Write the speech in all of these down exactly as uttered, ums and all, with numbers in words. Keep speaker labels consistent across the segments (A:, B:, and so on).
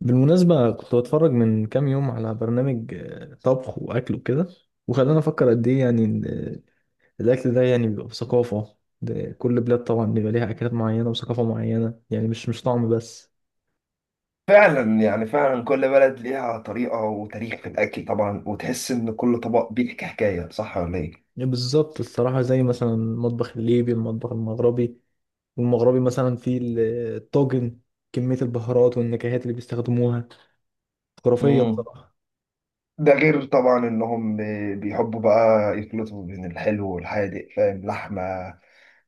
A: بالمناسبة كنت بتفرج من كام يوم على برنامج آه، طبخ وأكل وكده. وخلاني أفكر قد إيه يعني إن، آه، الأكل ده يعني بيبقى بثقافة، ده كل بلاد طبعا بيبقى ليها أكلات معينة وثقافة معينة، يعني مش مش طعم بس.
B: فعلا، يعني فعلا كل بلد ليها طريقة وتاريخ في الأكل، طبعا، وتحس إن كل طبق بيحكي حكاية، صح ولا إيه؟
A: بالظبط الصراحة، زي مثلا المطبخ الليبي، المطبخ المغربي. والمغربي مثلا فيه ال- آه، الطاجن. كمية البهارات والنكهات اللي بيستخدموها خرافية
B: مم.
A: بصراحة.
B: ده غير طبعا إنهم بيحبوا بقى يخلطوا بين الحلو والحادق، فاهم؟ لحمة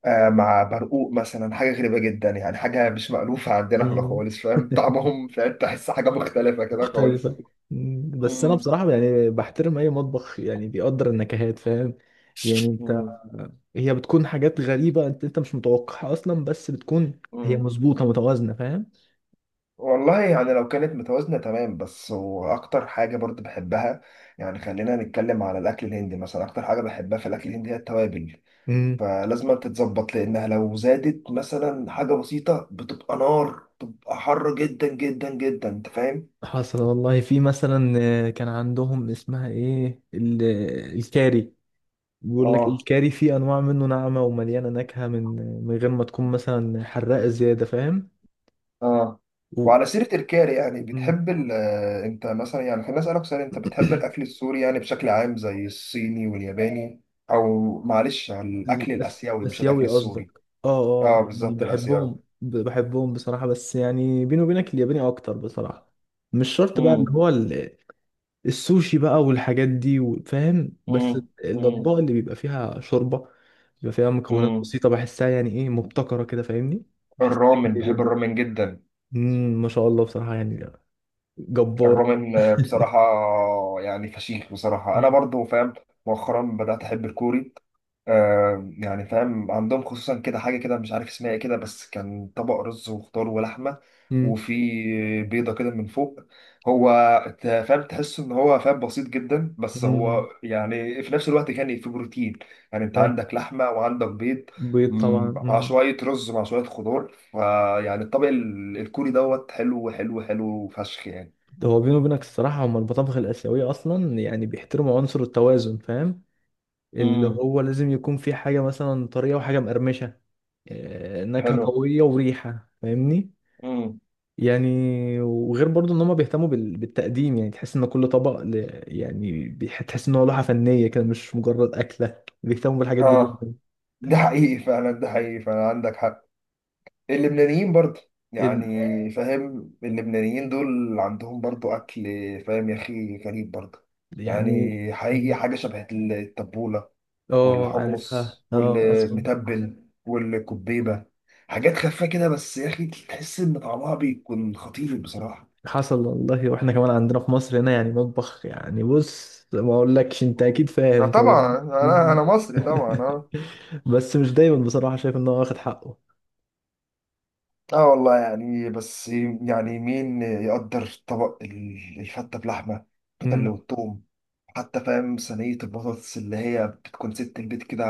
B: آه مع برقوق مثلا، حاجة غريبة جدا، يعني حاجة مش مألوفة عندنا احنا خالص، فاهم طعمهم؟ فاهم؟ تحس حاجة مختلفة كده خالص.
A: مختلفة. مم، بس أنا
B: مم.
A: بصراحة يعني بحترم أي مطبخ يعني بيقدر النكهات، فاهم. يعني أنت.
B: مم.
A: هي بتكون حاجات غريبة، أنت أنت مش متوقعها أصلا، بس بتكون هي
B: مم.
A: مظبوطة متوازنة، فاهم.
B: والله يعني لو كانت متوازنة تمام بس، وأكتر حاجة برضو بحبها، يعني خلينا نتكلم على الأكل الهندي مثلا. أكتر حاجة بحبها في الأكل الهندي هي التوابل،
A: امم
B: فلازم تتظبط، لأنها لو زادت مثلا حاجة بسيطة بتبقى نار، بتبقى حر جدا جدا جدا، أنت فاهم؟
A: حصل والله، في مثلا آه، كان عندهم اسمها إيه ال- الكاري. بيقول لك
B: آه.
A: الكاري فيه أنواع منه ناعمة ومليانة نكهة من من غير ما تكون مثلا حراقة زيادة، فاهم.
B: آه.
A: و...
B: وعلى سيرة الكاري، يعني
A: مم.
B: بتحب ال آه، أنت مثلا، يعني خليني أسألك سؤال، أنت بتحب الأكل السوري يعني بشكل عام، زي الصيني والياباني؟ أو معلش، على الأكل
A: الأس-
B: الآسيوي مش الأكل
A: الآسيوي
B: السوري.
A: قصدك، اه. اه،
B: اه
A: يعني
B: بالظبط، الاسيوي.
A: بحبهم ب- بحبهم بصراحة، بس يعني بيني وبينك الياباني أكتر بصراحة. مش شرط بقى اللي
B: مم.
A: هو ال- السوشي بقى والحاجات دي و- فاهم، بس.
B: مم. مم.
A: الأطباق اللي بيبقى فيها شوربة بيبقى فيها مكونات
B: مم.
A: بسيطة، بحسها يعني إيه مبتكرة كده، فاهمني. بحسها كتير
B: الرامن، بحب
A: جدا.
B: الرامن جدا.
A: مم، ما شاء الله بصراحة يعني. جبار.
B: الرومن بصراحة، يعني فشيخ بصراحة،
A: مم،
B: أنا برضو فاهم. مؤخرا بدأت أحب الكوري، آه يعني فاهم، عندهم خصوصا كده حاجة كده، مش عارف اسمها ايه كده، بس كان طبق رز وخضار ولحمة،
A: مم،
B: وفي بيضة كده من فوق. هو ت- فاهم، تحس إن هو فاهم بسيط جدا، بس
A: مم.
B: هو يعني في نفس الوقت كان في بروتين، يعني أنت
A: ده
B: عندك لحمة وعندك بيض.
A: بيض
B: مم،
A: طبعا.
B: مع شوية رز مع شوية خضار، فيعني الطبق ال- الكوري دوت حلو حلو حلو فشخ يعني.
A: هو بيني وبينك الصراحة، هما المطابخ الآسيوية أصلا يعني بيحترموا عنصر التوازن، فاهم. اللي
B: امم.
A: هو لازم يكون في حاجة مثلا طرية وحاجة مقرمشة. آه، نكهة
B: حلو.
A: قوية وريحة، فاهمني.
B: امم.
A: يعني وغير برضو إن هما بيهتموا بال- بالتقديم، يعني تحس إن كل طبق ل- يعني بيح- تحس إن هو لوحة فنية كده، مش مجرد أكلة، بيهتموا بالحاجات دي
B: اه
A: جدا.
B: ده حقيقي فعلا، ده حقيقي فعلا، عندك حق. اللبنانيين برضه،
A: ال-
B: يعني فاهم، اللبنانيين دول عندهم برضه اكل، فاهم يا اخي، غريب برضه،
A: يعني
B: يعني حقيقي، حاجه شبه التبوله
A: اه، عارفها،
B: والحمص
A: اه أسمع.
B: والمتبل والكبيبه، حاجات خفيفه كده، بس يا اخي تحس ان طعمها بيكون خطير بصراحه.
A: حصل والله، واحنا كمان عندنا في مصر هنا يعني مطبخ، يعني بص ما اقولكش انت
B: مم.
A: اكيد
B: آه
A: فاهم طبعا.
B: طبعا، انا انا مصري طبعا، اه.
A: بس مش دايما بصراحة شايف ان هو واخد حقه.
B: اه والله يعني بس، يعني مين يقدر طبق ال- الفتة بلحمة اللي
A: مم.
B: والثوم، حتى فاهم صينية البطاطس اللي هي بتكون ست البيت كده،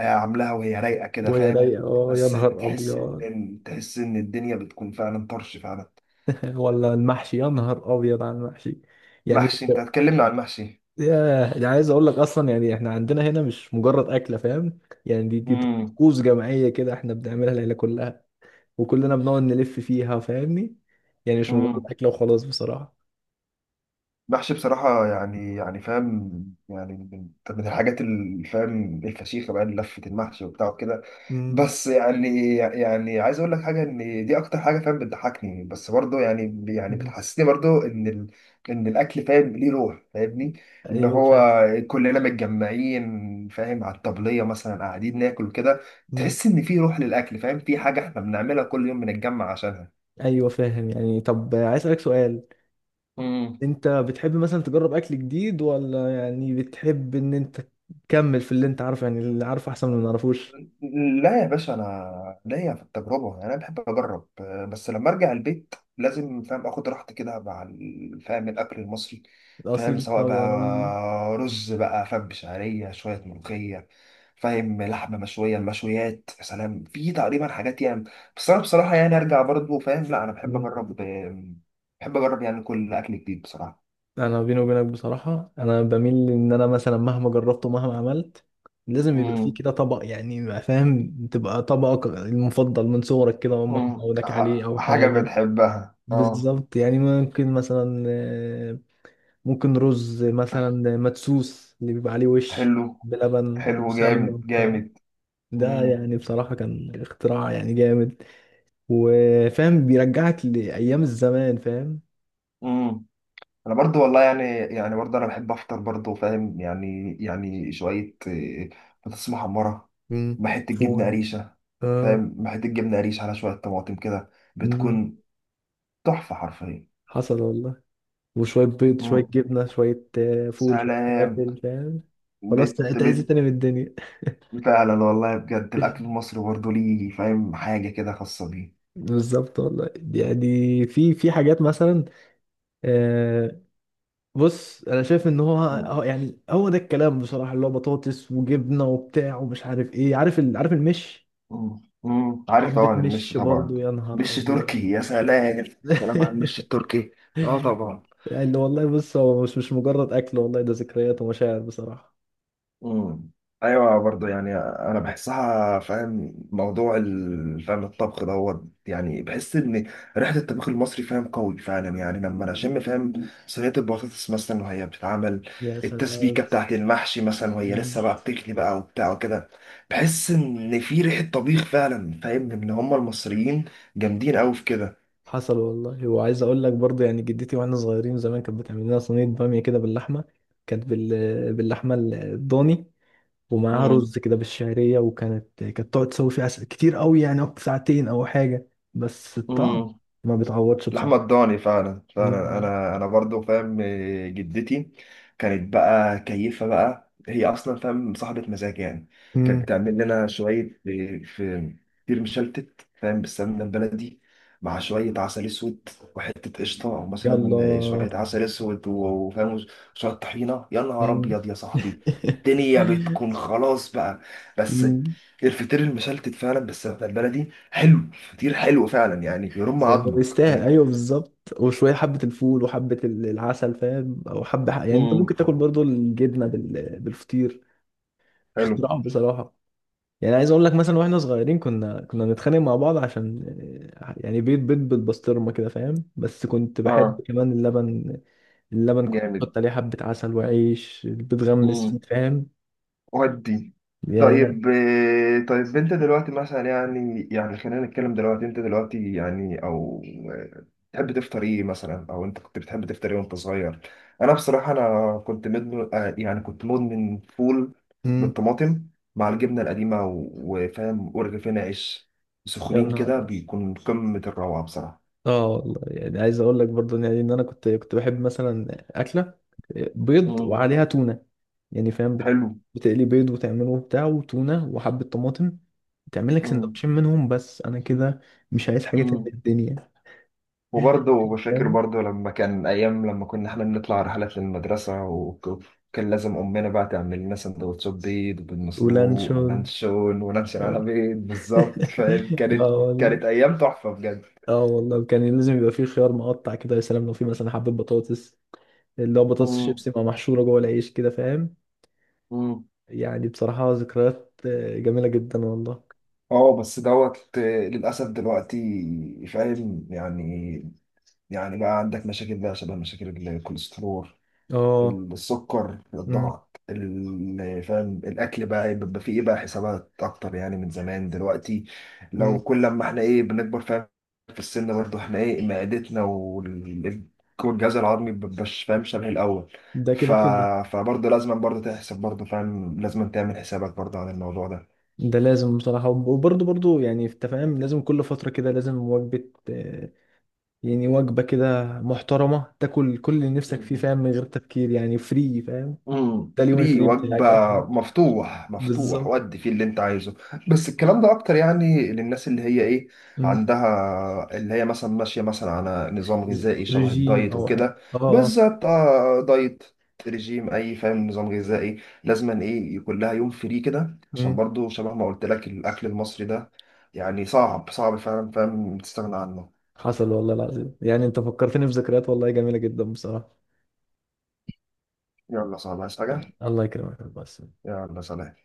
B: آه، عاملاها وهي رايقة كده،
A: وهي
B: فاهم.
A: رايقة، اه يا
B: بس
A: نهار
B: تحس
A: ابيض.
B: ان، تحس ان الدنيا بتكون فعلا طرش فعلا.
A: ولا المحشي، يا نهار ابيض على المحشي. يعني
B: محشي! انت
A: إنت-
B: هتكلمنا عن محشي!
A: ياه، يعني عايز اقول لك اصلا، يعني احنا عندنا هنا مش مجرد اكلة، فاهم. يعني دي دي طقوس جماعية كده، احنا بنعملها العيلة كلها. وكلنا بنقعد نلف فيها، فاهمني. يعني مش مجرد
B: امم.
A: اكلة وخلاص بصراحة.
B: محشي بصراحة، يعني يعني فاهم، يعني من من الحاجات اللي فاهم الفشيخة بقى، لفة المحشي وبتاع كده.
A: مم.
B: بس يعني يعني عايز أقول لك حاجة، إن دي أكتر حاجة فاهم بتضحكني، بس برضه يعني يعني بتحسسني برضه إن ال... إن الأكل فاهم ليه روح، فاهمني. إن
A: ايوه،
B: هو
A: فاهم.
B: كلنا متجمعين، فاهم، على الطبلية مثلا قاعدين ناكل كده.
A: مم.
B: تحس إن في روح للأكل، فاهم، في حاجة إحنا بنعملها كل يوم بنتجمع عشانها.
A: ايوه، فاهم. يعني طب عايز اسالك سؤال، انت بتحب مثلا تجرب اكل جديد، ولا يعني بتحب ان انت تكمل في اللي انت عارفه؟ يعني اللي عارفه احسن من اللي ما نعرفوش.
B: لا يا باشا، انا ليا في التجربه، يعني انا بحب اجرب، آه، بس لما ارجع البيت لازم فاهم اخد راحتي كده مع ال- فاهم الاكل المصري. فاهم،
A: الاصيل
B: سواء
A: طبعا، آه.
B: بقى رز بقى فاهم بشعريه، شويه ملوخيه، فاهم لحمه مشويه، المشويات يا سلام، في تقريبا حاجات يعني. بس انا بصراحه يعني ارجع برضه، فاهم، لا انا بحب
A: مم.
B: اجرب، آه، بحب اجرب يعني كل اكل جديد بصراحه.
A: انا بيني وبينك بصراحه، انا بميل ان انا مثلا مهما جربت ومهما عملت، لازم يبقى فيه
B: امم.
A: كده طبق، يعني ما فاهم، تبقى طبقك المفضل من صغرك كده، امك
B: امم.
A: معودك عليه
B: ح-
A: او
B: حاجه
A: حاجه.
B: بتحبها، اه.
A: بالظبط، يعني ممكن مثلا ممكن رز مثلا، مدسوس اللي بيبقى عليه وش،
B: حلو.
A: بلبن
B: حلو،
A: وسمنة
B: جامد
A: وبتاع.
B: جامد.
A: ده
B: امم.
A: يعني بصراحة كان اختراع يعني جامد. وفاهم بيرجعك لأيام الزمان، فاهم.
B: امم. انا برضو والله يعني، يعني برضو انا بحب افطر برضو فاهم، يعني يعني شويه إيه، بطاطس محمره،
A: مم.
B: مع حته جبنه
A: فول.
B: قريشه،
A: اه.
B: فاهم، مع حته جبنه قريش على شويه طماطم كده،
A: مم.
B: بتكون تحفه حرفيا.
A: حصل والله، وشوية بيض شوية
B: امم.
A: جبنة شوية آه، فول شوية
B: سلام.
A: فلافل، فاهم. خلاص
B: بت
A: تعيش
B: بت
A: تاني من الدنيا.
B: فعلا والله بجد، الاكل المصري برضو ليه فاهم حاجه كده خاصه بيه.
A: بالظبط والله، يعني في في حاجات مثلا آه، بص، انا شايف ان هو
B: مم.
A: هو يعني هو ده الكلام بصراحه، اللي هو بطاطس وجبنه وبتاع ومش عارف ايه، عارف ال... عارف المش.
B: مم. مم. عارف
A: حبه
B: طبعا، المش
A: مش
B: طبعا.
A: برضو يا نهار
B: مش
A: ابيض.
B: تركي! يا سلام! سلام على المش التركي. اه طبعا.
A: يعني والله بص، هو مش مش مجرد اكل، والله ده ذكريات ومشاعر بصراحه.
B: امم. ايوه برضه يعني، انا بحسها فاهم، موضوع ال- فاهم الطبخ دوت، يعني بحس ان ريحه الطبخ المصري فاهم قوي فعلا. يعني لما انا اشم فاهم صينيه البطاطس مثلا وهي بتتعمل،
A: يا
B: التسبيكه
A: سلام.
B: بتاعت المحشي مثلا وهي لسه
A: مم.
B: بقى بتغلي بقى وبتاع وكده، بحس ان في ريحه طبيخ فعلا، فاهم ان هم المصريين جامدين قوي في كده.
A: حصل والله، وعايز اقول لك برضو، يعني جدتي واحنا صغيرين زمان كانت بتعمل لنا صينيه باميه كده باللحمه. كانت بال... باللحمه الضاني، ومعاها رز كده بالشعرية، وكانت كانت تقعد تسوي فيه عسل كتير قوي، يعني أو ساعتين أو حاجة. بس الطعم
B: امم.
A: ما بيتعوضش
B: لحمة
A: بصراحة.
B: الضاني فعلا فعلا،
A: مم.
B: انا انا برضو فاهم، آه، جدتي كانت بقى كيفة بقى، هي اصلا فاهم صاحبة مزاج يعني.
A: مم.
B: كانت تعمل لنا شوية آه، في كتير مشلتت فاهم بالسمنة البلدي، مع شوية عسل اسود وحتة قشطة، او
A: يلا.
B: مثلا آه، شوية عسل اسود و- وفاهم شوية طحينة، يا نهار
A: مم.
B: ابيض يا صاحبي! الدنيا بتكون خلاص بقى. بس
A: مم.
B: الفطير المشلتت فعلا بالسمنة البلدي حلو، فطير حلو فعلا، يعني يرم
A: يعني هو
B: عظمك،
A: يستاهل،
B: فاهم.
A: أيوه بالظبط، وشوية حبة الفول وحبة ال- العسل فاهم، أو حبة ح- يعني أنت
B: امم.
A: ممكن تاكل برضو الجبنة بال- بالفطير.
B: حلو.
A: اختراع بصراحة. يعني عايز اقول لك مثلا، واحنا صغيرين كنا كنا نتخانق مع بعض عشان آه، يعني بيض بيض بالبسطرمه كده فاهم، بس كنت
B: اه
A: بحب كمان اللبن. اللبن كنت
B: جامد.
A: بحط عليه حبه عسل وعيش بتغمس فيه،
B: امم.
A: فاهم.
B: ودي.
A: يا
B: طيب، آه، طيب انت دلوقتي مثلا يعني، يعني خلينا نتكلم دلوقتي، انت دلوقتي يعني، او آه، تحب تفطر ايه مثلا، او انت كنت بتحب تفطر ايه وانت صغير؟ انا بصراحة، انا كنت مدمن، آه، يعني كنت مدمن فول
A: امم
B: بالطماطم، مع الجبنة القديمة و- وفاهم ورغيفين عيش
A: يا
B: سخنين
A: نهار
B: كده،
A: أبيض.
B: بيكون قمة الروعة بصراحة.
A: اه والله، يعني عايز اقول لك برضو، يعني ان انا كنت كنت بحب مثلا اكله بيض
B: امم.
A: وعليها تونه، يعني فاهم بت-
B: حلو.
A: بتقلي بيض وتعمله بتاع وتونه وحبه طماطم، تعمل لك سندوتشين منهم، بس انا كده مش عايز حاجه تانية في
B: امم.
A: الدنيا.
B: وبرضه بشاكر برضه، لما كان أيام لما كنا إحنا بنطلع رحلات للمدرسة، وكان لازم أمنا بقى تعمل لنا سندوتشات بيض بالمسلوق
A: ولانشون
B: ولانشون، ولانشون على
A: يعني.
B: بيض بالظبط فاهم، كانت
A: اه
B: كانت
A: والله.
B: أيام تحفة بجد.
A: اه والله، كان لازم يبقى فيه خيار مقطع كده، يا سلام لو فيه مثلا حبة بطاطس، اللي هو بطاطس
B: امم.
A: شيبسي مع محشورة جوه العيش كده، فاهم.
B: امم.
A: يعني بصراحة ذكريات آه، جميلة جدا والله.
B: اه بس دوت، آه، للأسف دلوقتي فاهم يعني، يعني بقى عندك مشاكل بقى، شبه مشاكل الكوليسترول،
A: اه.
B: السكر،
A: أمم،
B: الضغط، ال- فاهم الاكل بقى إيه، بيبقى فيه ايه بقى، حسابات اكتر يعني من زمان دلوقتي. لو
A: أمم.
B: كل لما احنا ايه بنكبر فاهم، في السن برضه، احنا ايه معدتنا وال- والجهاز الهضمي مبيبقاش فاهم شبه الاول.
A: ده
B: ف...
A: كده كده.
B: فبرضه لازم برضه تحسب برضه، فاهم لازم تعمل حسابك برضه على الموضوع
A: ده لازم بصراحة، وب- وبرضه برضه يعني انت فاهم لازم كل فترة كده لازم وجبة آه، يعني وجبة كده محترمة تاكل كل اللي نفسك فيه،
B: ده.
A: فاهم، من غير تفكير، يعني فري فاهم.
B: امم،
A: ده اليوم
B: فري
A: الفري
B: وجبة،
A: بتاعك آه،
B: مفتوح مفتوح،
A: بالظبط.
B: ودي فيه اللي انت عايزه. بس الكلام ده اكتر يعني للناس اللي هي ايه عندها، اللي هي مثلا ماشية مثلا على نظام غذائي شبه
A: ريجيم
B: الدايت
A: او حاجه،
B: وكده،
A: اه، اه.
B: بالذات آه، دايت، رجيم، اي فاهم نظام غذائي، لازما ايه يكون لها يوم فري كده، عشان
A: مم.
B: برضو شبه ما قلت لك، الاكل المصري ده يعني صعب، صعب فعلا فاهم تستغنى عنه.
A: حصل والله العظيم، يعني انت فكرتني بذكريات والله جميله جدا بصراحه.
B: يلا صعب، عايز حاجة.
A: الله يكرمك، بس.
B: يلا سلام.